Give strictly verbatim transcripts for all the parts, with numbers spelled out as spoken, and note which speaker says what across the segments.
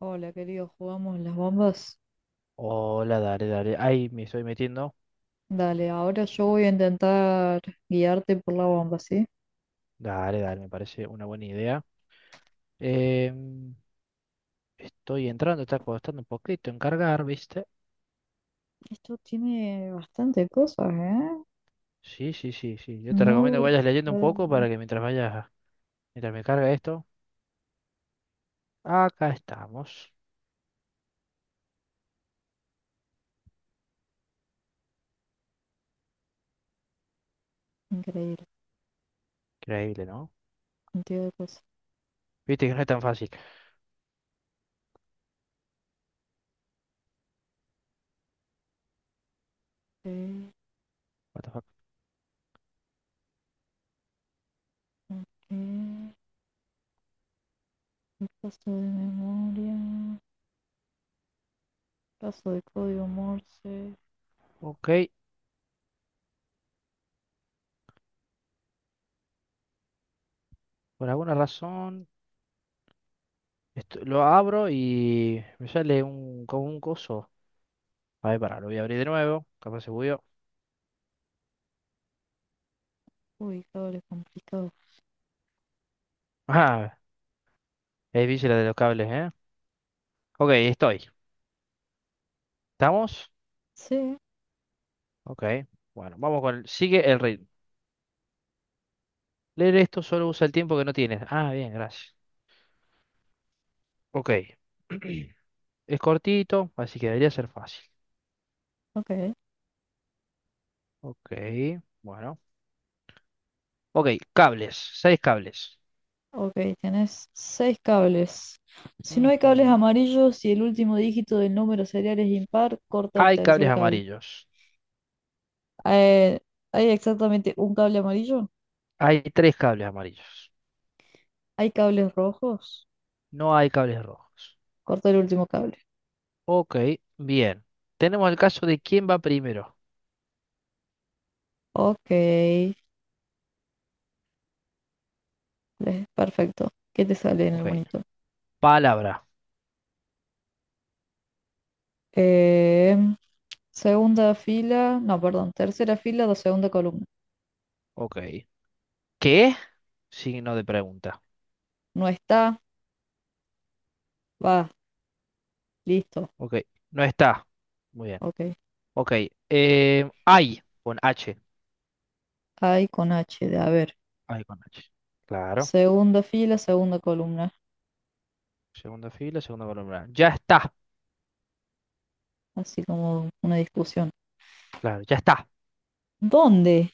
Speaker 1: Hola, querido, ¿jugamos las bombas?
Speaker 2: Hola, dale, dale. Ahí me estoy metiendo.
Speaker 1: Dale, ahora yo voy a intentar guiarte por la bomba, ¿sí?
Speaker 2: Dale, dale, me parece una buena idea. Em, Estoy entrando, está costando un poquito en cargar, ¿viste?
Speaker 1: Esto tiene bastante cosas, ¿eh?
Speaker 2: Sí, sí, sí, sí. Yo te recomiendo que
Speaker 1: Módulo,
Speaker 2: vayas leyendo un poco
Speaker 1: módulo,
Speaker 2: para que mientras vayas, mientras me carga esto. Acá estamos.
Speaker 1: increíble,
Speaker 2: Increíble, ¿no?
Speaker 1: cantidad de cosas.
Speaker 2: Viste que no es tan fácil.
Speaker 1: Eh,
Speaker 2: What the fuck.
Speaker 1: ok, repaso de memoria, paso de código Morse,
Speaker 2: Ok, por alguna razón esto- lo abro y me sale un, como un coso. A ver, pará, lo voy a abrir de nuevo. Capaz se bugueó.
Speaker 1: uy, cables complicados.
Speaker 2: Ah, es difícil la de los cables, ¿eh? Ok, estoy. ¿Estamos?
Speaker 1: Sí,
Speaker 2: Ok, bueno, vamos con el- Sigue el ritmo. Leer esto solo usa el tiempo que no tienes. Ah, bien, gracias. Ok. Es cortito, así que debería ser fácil.
Speaker 1: ok,
Speaker 2: Ok, bueno. Ok, cables. Seis cables.
Speaker 1: ok, tenés seis cables. Si no hay cables
Speaker 2: Ujú.
Speaker 1: amarillos y el último dígito del número serial es impar, corta el
Speaker 2: Hay cables
Speaker 1: tercer cable.
Speaker 2: amarillos.
Speaker 1: Eh, hay exactamente un cable amarillo.
Speaker 2: Hay tres cables amarillos.
Speaker 1: Hay cables rojos.
Speaker 2: No hay cables rojos.
Speaker 1: Corta el último cable.
Speaker 2: Ok, bien. Tenemos el caso de quién va primero.
Speaker 1: Ok, eh, perfecto. ¿Qué te sale en el
Speaker 2: Ok.
Speaker 1: monitor?
Speaker 2: Palabra.
Speaker 1: Em, segunda fila, no, perdón, tercera fila, do- segunda columna.
Speaker 2: Ok. ¿Qué? Signo de pregunta.
Speaker 1: No está, va, listo.
Speaker 2: Ok. No está. Muy bien.
Speaker 1: Ok.
Speaker 2: Ok. Eh, ay, con H.
Speaker 1: Hay con H, de a ver.
Speaker 2: Ay, con H. Claro.
Speaker 1: Segunda fila, segunda columna.
Speaker 2: Segunda fila, segunda columna. Ya está.
Speaker 1: Así como una discusión.
Speaker 2: Claro, ya está.
Speaker 1: ¿Dónde?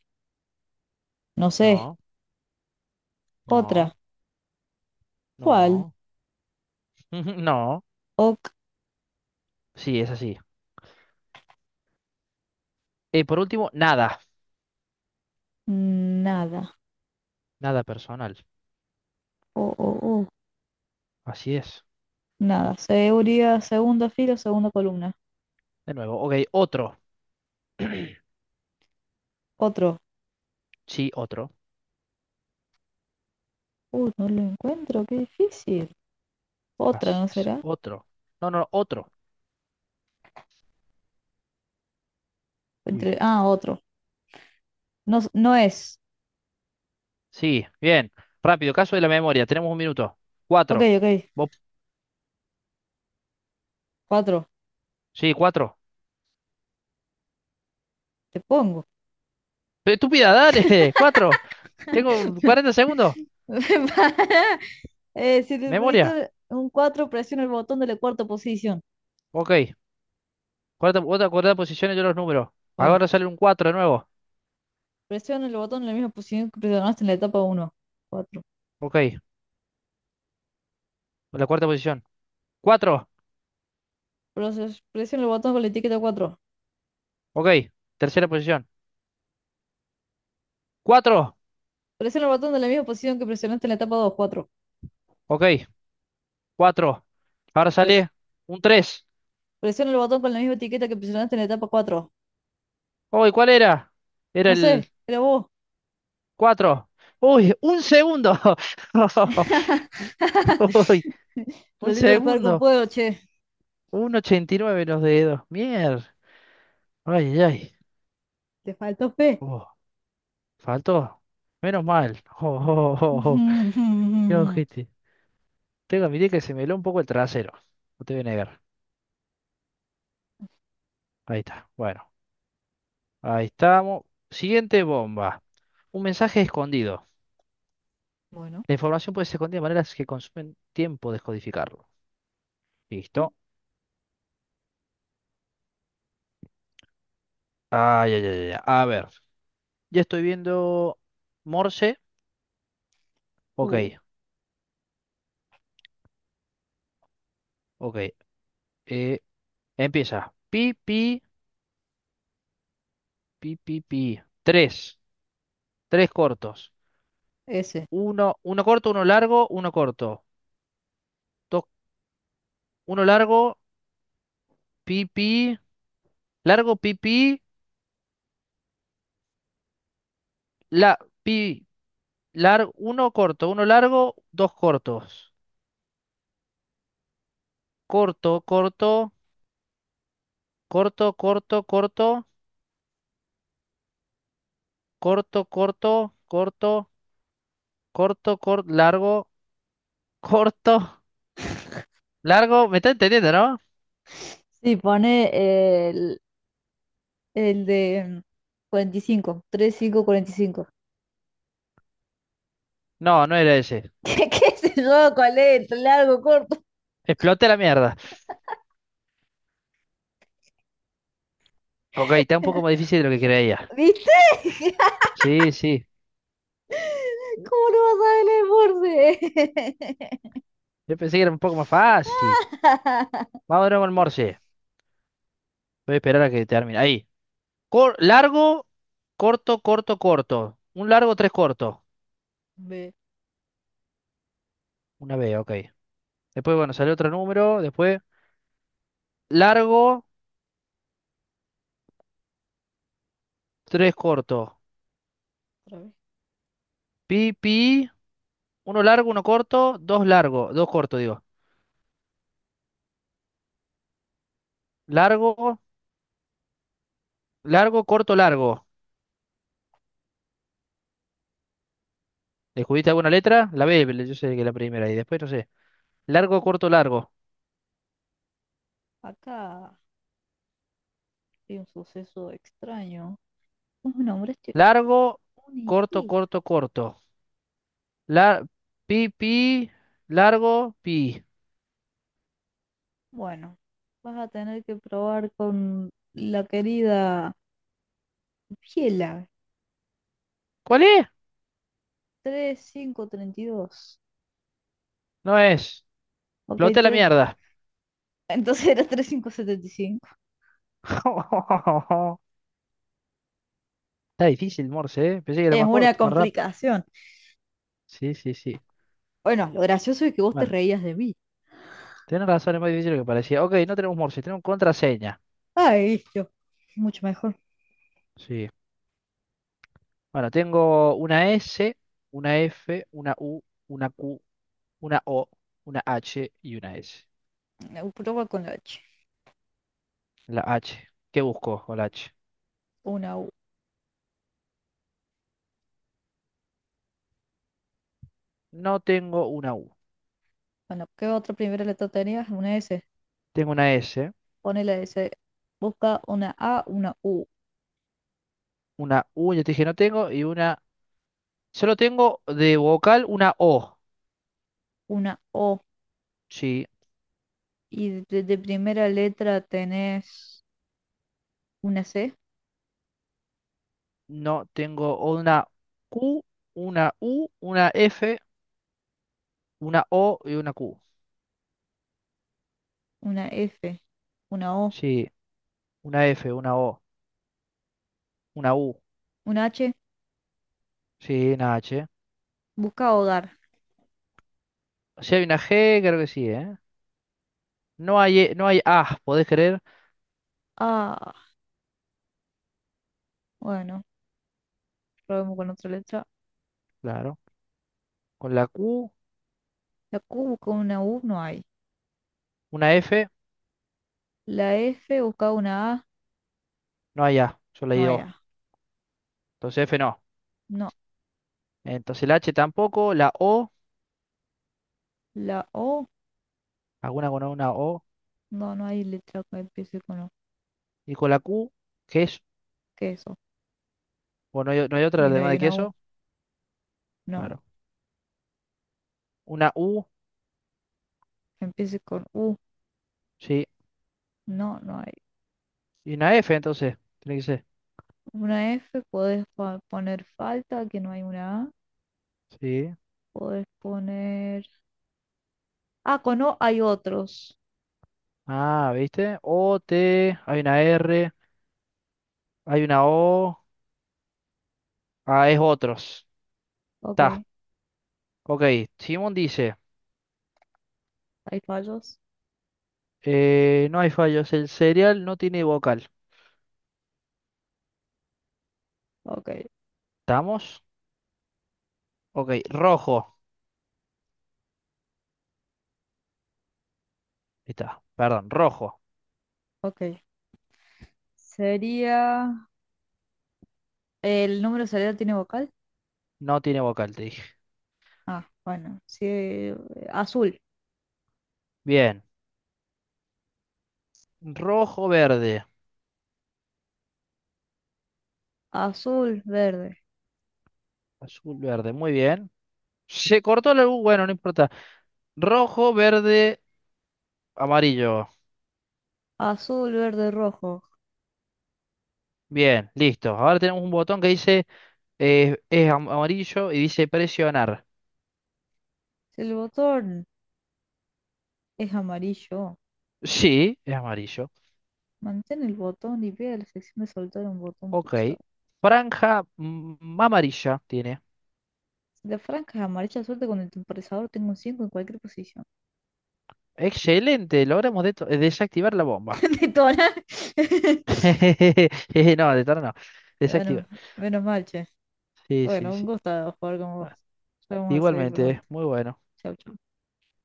Speaker 1: No sé.
Speaker 2: No,
Speaker 1: Otra.
Speaker 2: no,
Speaker 1: ¿Cuál?
Speaker 2: no. No.
Speaker 1: Ok,
Speaker 2: Sí, es así. Eh, por último, nada.
Speaker 1: nada.
Speaker 2: Nada personal.
Speaker 1: Oh, oh, oh.
Speaker 2: Así es.
Speaker 1: Nada, seguridad, segundo filo, segunda columna.
Speaker 2: De nuevo. Ok, otro.
Speaker 1: Otro.
Speaker 2: Sí, otro.
Speaker 1: Uy, no lo encuentro, qué difícil. Otra,
Speaker 2: Así
Speaker 1: ¿no
Speaker 2: es.
Speaker 1: será?
Speaker 2: Otro. No, no, otro. Uy.
Speaker 1: Entre... Ah, otro. No, no es.
Speaker 2: Sí, bien. Rápido, caso de la memoria. Tenemos un minuto.
Speaker 1: Ok,
Speaker 2: Cuatro.
Speaker 1: ok.
Speaker 2: Vos-
Speaker 1: Cuatro.
Speaker 2: Sí, cuatro.
Speaker 1: Te pongo.
Speaker 2: Pero Estúpida, dale. Cuatro. Tengo cuarenta segundos.
Speaker 1: Eh, si el
Speaker 2: Memoria.
Speaker 1: monitor un cuatro, presiona el botón de la cuarta posición.
Speaker 2: Ok. Cuarta, otra cuarta posición y yo los números.
Speaker 1: Bueno,
Speaker 2: Ahora sale un cuatro de nuevo.
Speaker 1: presiona el botón en la misma posición que presionaste en la etapa uno cuatro.
Speaker 2: Ok. La cuarta posición. Cuatro.
Speaker 1: Presiona el botón con la etiqueta cuatro.
Speaker 2: Ok. Tercera posición. Cuatro.
Speaker 1: Presiona el botón de la misma posición que presionaste en la etapa dos. cuatro.
Speaker 2: Ok. Cuatro. Ahora sale un tres.
Speaker 1: Presiona el botón con la misma etiqueta que presionaste en la etapa cuatro.
Speaker 2: Uy, ¿cuál era? Era
Speaker 1: No sé,
Speaker 2: el
Speaker 1: pero vos,
Speaker 2: cuatro. Uy, un segundo. Uy,
Speaker 1: lo
Speaker 2: un
Speaker 1: lindo de jugar con
Speaker 2: segundo.
Speaker 1: fuego, che,
Speaker 2: uno punto ochenta y nueve los dedos. Mier. Ay, ay, ay.
Speaker 1: te faltó fe.
Speaker 2: Oh, faltó. Menos mal. Oh, oh, oh, oh, oh. Qué ojete. Tengo que admitir que se me heló un poco el trasero. No te voy a negar. Ahí está. Bueno, ahí estamos. Siguiente bomba. Un mensaje escondido.
Speaker 1: Bueno,
Speaker 2: La información puede ser escondida de maneras que consumen tiempo descodificarlo. Listo. Ay, ay, ay, ay. A ver. Ya estoy viendo Morse. Ok,
Speaker 1: uh,
Speaker 2: ok. Eh, Empieza. Pi, pi, pi, pi, pi. Tres. Tres cortos.
Speaker 1: ese.
Speaker 2: Uno, uno corto, uno largo, uno corto. Dos, uno largo, pi, pi. Largo, pi, pi. La, pi. Lar- uno corto, uno largo, dos cortos. Corto, corto, corto, corto, corto, corto, corto, corto, corto, corto, largo, corto, largo. ¿Me está entendiendo, no?
Speaker 1: Sí, pone el, el de cuarenta y cinco, tres, cinco, cuarenta y cinco.
Speaker 2: No, no era ese.
Speaker 1: ¿Qué, qué sé yo? ¿Cuál es? ¿Entre largo, corto?
Speaker 2: Explote la mierda. Ok, está un poco más difícil de lo que creía.
Speaker 1: ¿Viste?
Speaker 2: Sí, sí.
Speaker 1: ¿Cómo no vas a ver el Morse?
Speaker 2: Yo pensé que era un poco más fácil. Vamos de nuevo al Morse. Voy a esperar a que termine. Ahí. Cor- largo, corto, corto, corto. Un largo, tres cortos.
Speaker 1: Ve,
Speaker 2: Una B, ok. Después, bueno, sale otro número. Después, largo, tres cortos.
Speaker 1: otra vez.
Speaker 2: Pi, pi, uno largo, uno corto, dos largo, dos cortos, digo. Largo, largo, corto, largo. ¿Descubriste alguna letra? La B, yo sé que es la primera. Y después, no sé. Largo, corto, largo.
Speaker 1: Acá hay un suceso extraño. Un hombre este
Speaker 2: Largo, corto,
Speaker 1: único.
Speaker 2: corto, corto. La, pi, pi, largo, pi.
Speaker 1: Bueno, vas a tener que probar con la querida Biela.
Speaker 2: ¿Cuál es?
Speaker 1: Treinta y cinco, treinta y dos.
Speaker 2: No es.
Speaker 1: Ok,
Speaker 2: Floté la
Speaker 1: tres.
Speaker 2: mierda.
Speaker 1: Entonces era treinta y cinco, setenta y cinco.
Speaker 2: Está difícil, Morse, ¿eh? Pensé que era
Speaker 1: Es
Speaker 2: más
Speaker 1: una
Speaker 2: corto, más rápido.
Speaker 1: complicación.
Speaker 2: Sí, sí, sí.
Speaker 1: Bueno, lo gracioso es que vos te
Speaker 2: Bueno.
Speaker 1: reías de mí.
Speaker 2: Tenés razón, es muy difícil lo que parecía. Ok, no tenemos Morse, tenemos contraseña.
Speaker 1: Ay, yo. Mucho mejor.
Speaker 2: Sí. Bueno, tengo una S, una F, una U, una Q, una O, una H y una S.
Speaker 1: Eh, Prueba con la H.
Speaker 2: La H. ¿Qué busco con la H?
Speaker 1: Una U.
Speaker 2: No tengo una U.
Speaker 1: Bueno, ¿qué otra primera letra tenías? Una S.
Speaker 2: Tengo una S,
Speaker 1: Pone la S. Busca una A, una U,
Speaker 2: una U, ya te dije no tengo, y una... Solo tengo de vocal una O.
Speaker 1: una O.
Speaker 2: Sí.
Speaker 1: Y de de primera letra tenés una C,
Speaker 2: No tengo una Q, una U, una F, una O y una Q.
Speaker 1: una F. Una O,
Speaker 2: Sí. Una F, una O, una U.
Speaker 1: una H,
Speaker 2: Sí, una H.
Speaker 1: busca hogar.
Speaker 2: Si hay una G, creo que sí, ¿eh? No hay, E- no hay A, ¿podés creer?
Speaker 1: Ah, bueno, probemos con otra letra.
Speaker 2: Claro. Con la Q,
Speaker 1: La Q busca una U, no hay.
Speaker 2: una F,
Speaker 1: La F busca una A,
Speaker 2: no hay A. Yo
Speaker 1: no
Speaker 2: leí
Speaker 1: hay
Speaker 2: O.
Speaker 1: A.
Speaker 2: Entonces F no.
Speaker 1: No,
Speaker 2: Entonces la H tampoco, la O,
Speaker 1: la O,
Speaker 2: alguna con una O.
Speaker 1: no, no hay letra que empiece con O.
Speaker 2: Y con la Q, ¿qué es?
Speaker 1: ¿Qué es eso?
Speaker 2: ¿O no hay, no hay otra
Speaker 1: Y no
Speaker 2: además
Speaker 1: hay
Speaker 2: de
Speaker 1: una U,
Speaker 2: queso?
Speaker 1: no.
Speaker 2: Claro. Una U,
Speaker 1: Que empiece con U,
Speaker 2: sí.
Speaker 1: no, no hay.
Speaker 2: Y una F, entonces. Tiene que ser.
Speaker 1: Una F, podés pa- poner falta, que no hay una A.
Speaker 2: Sí.
Speaker 1: Podés poner... Ah, con O hay otros.
Speaker 2: Ah, ¿viste? O, T, hay una R, hay una O. Ah, es otros.
Speaker 1: Ok,
Speaker 2: Está.
Speaker 1: hay
Speaker 2: Ok. Simón dice.
Speaker 1: fallos.
Speaker 2: Eh, no hay fallos. El cereal no tiene vocal.
Speaker 1: Ok,
Speaker 2: ¿Estamos? Ok, rojo. Ahí está. Perdón, rojo.
Speaker 1: ok. Sería... ¿El número serial tiene vocal?
Speaker 2: No tiene vocal, te dije.
Speaker 1: Ah, bueno, sí, eh, azul,
Speaker 2: Bien. Rojo, verde.
Speaker 1: azul, verde,
Speaker 2: Azul, verde. Muy bien. Se cortó la luz. Bueno, no importa. Rojo, verde, amarillo.
Speaker 1: azul, verde, rojo.
Speaker 2: Bien, listo. Ahora tenemos un botón que dice eh, es am- amarillo y dice presionar.
Speaker 1: Si el botón es amarillo,
Speaker 2: Sí, es amarillo.
Speaker 1: mantén el botón y ve a la sección de soltar un botón
Speaker 2: Ok.
Speaker 1: pulsado.
Speaker 2: Franja mm, amarilla tiene.
Speaker 1: Si la franja es amarilla, suelta con el temporizador, tengo un cinco en cualquier posición.
Speaker 2: Excelente, logramos de- desactivar la bomba.
Speaker 1: Detona.
Speaker 2: No, de tarde no. Desactiva.
Speaker 1: Bueno, menos mal, che.
Speaker 2: Sí, sí,
Speaker 1: Bueno, un
Speaker 2: sí.
Speaker 1: gusto jugar con vos.
Speaker 2: Bueno,
Speaker 1: Ya vamos a seguir
Speaker 2: igualmente,
Speaker 1: pronto.
Speaker 2: muy bueno.
Speaker 1: Chau, chau.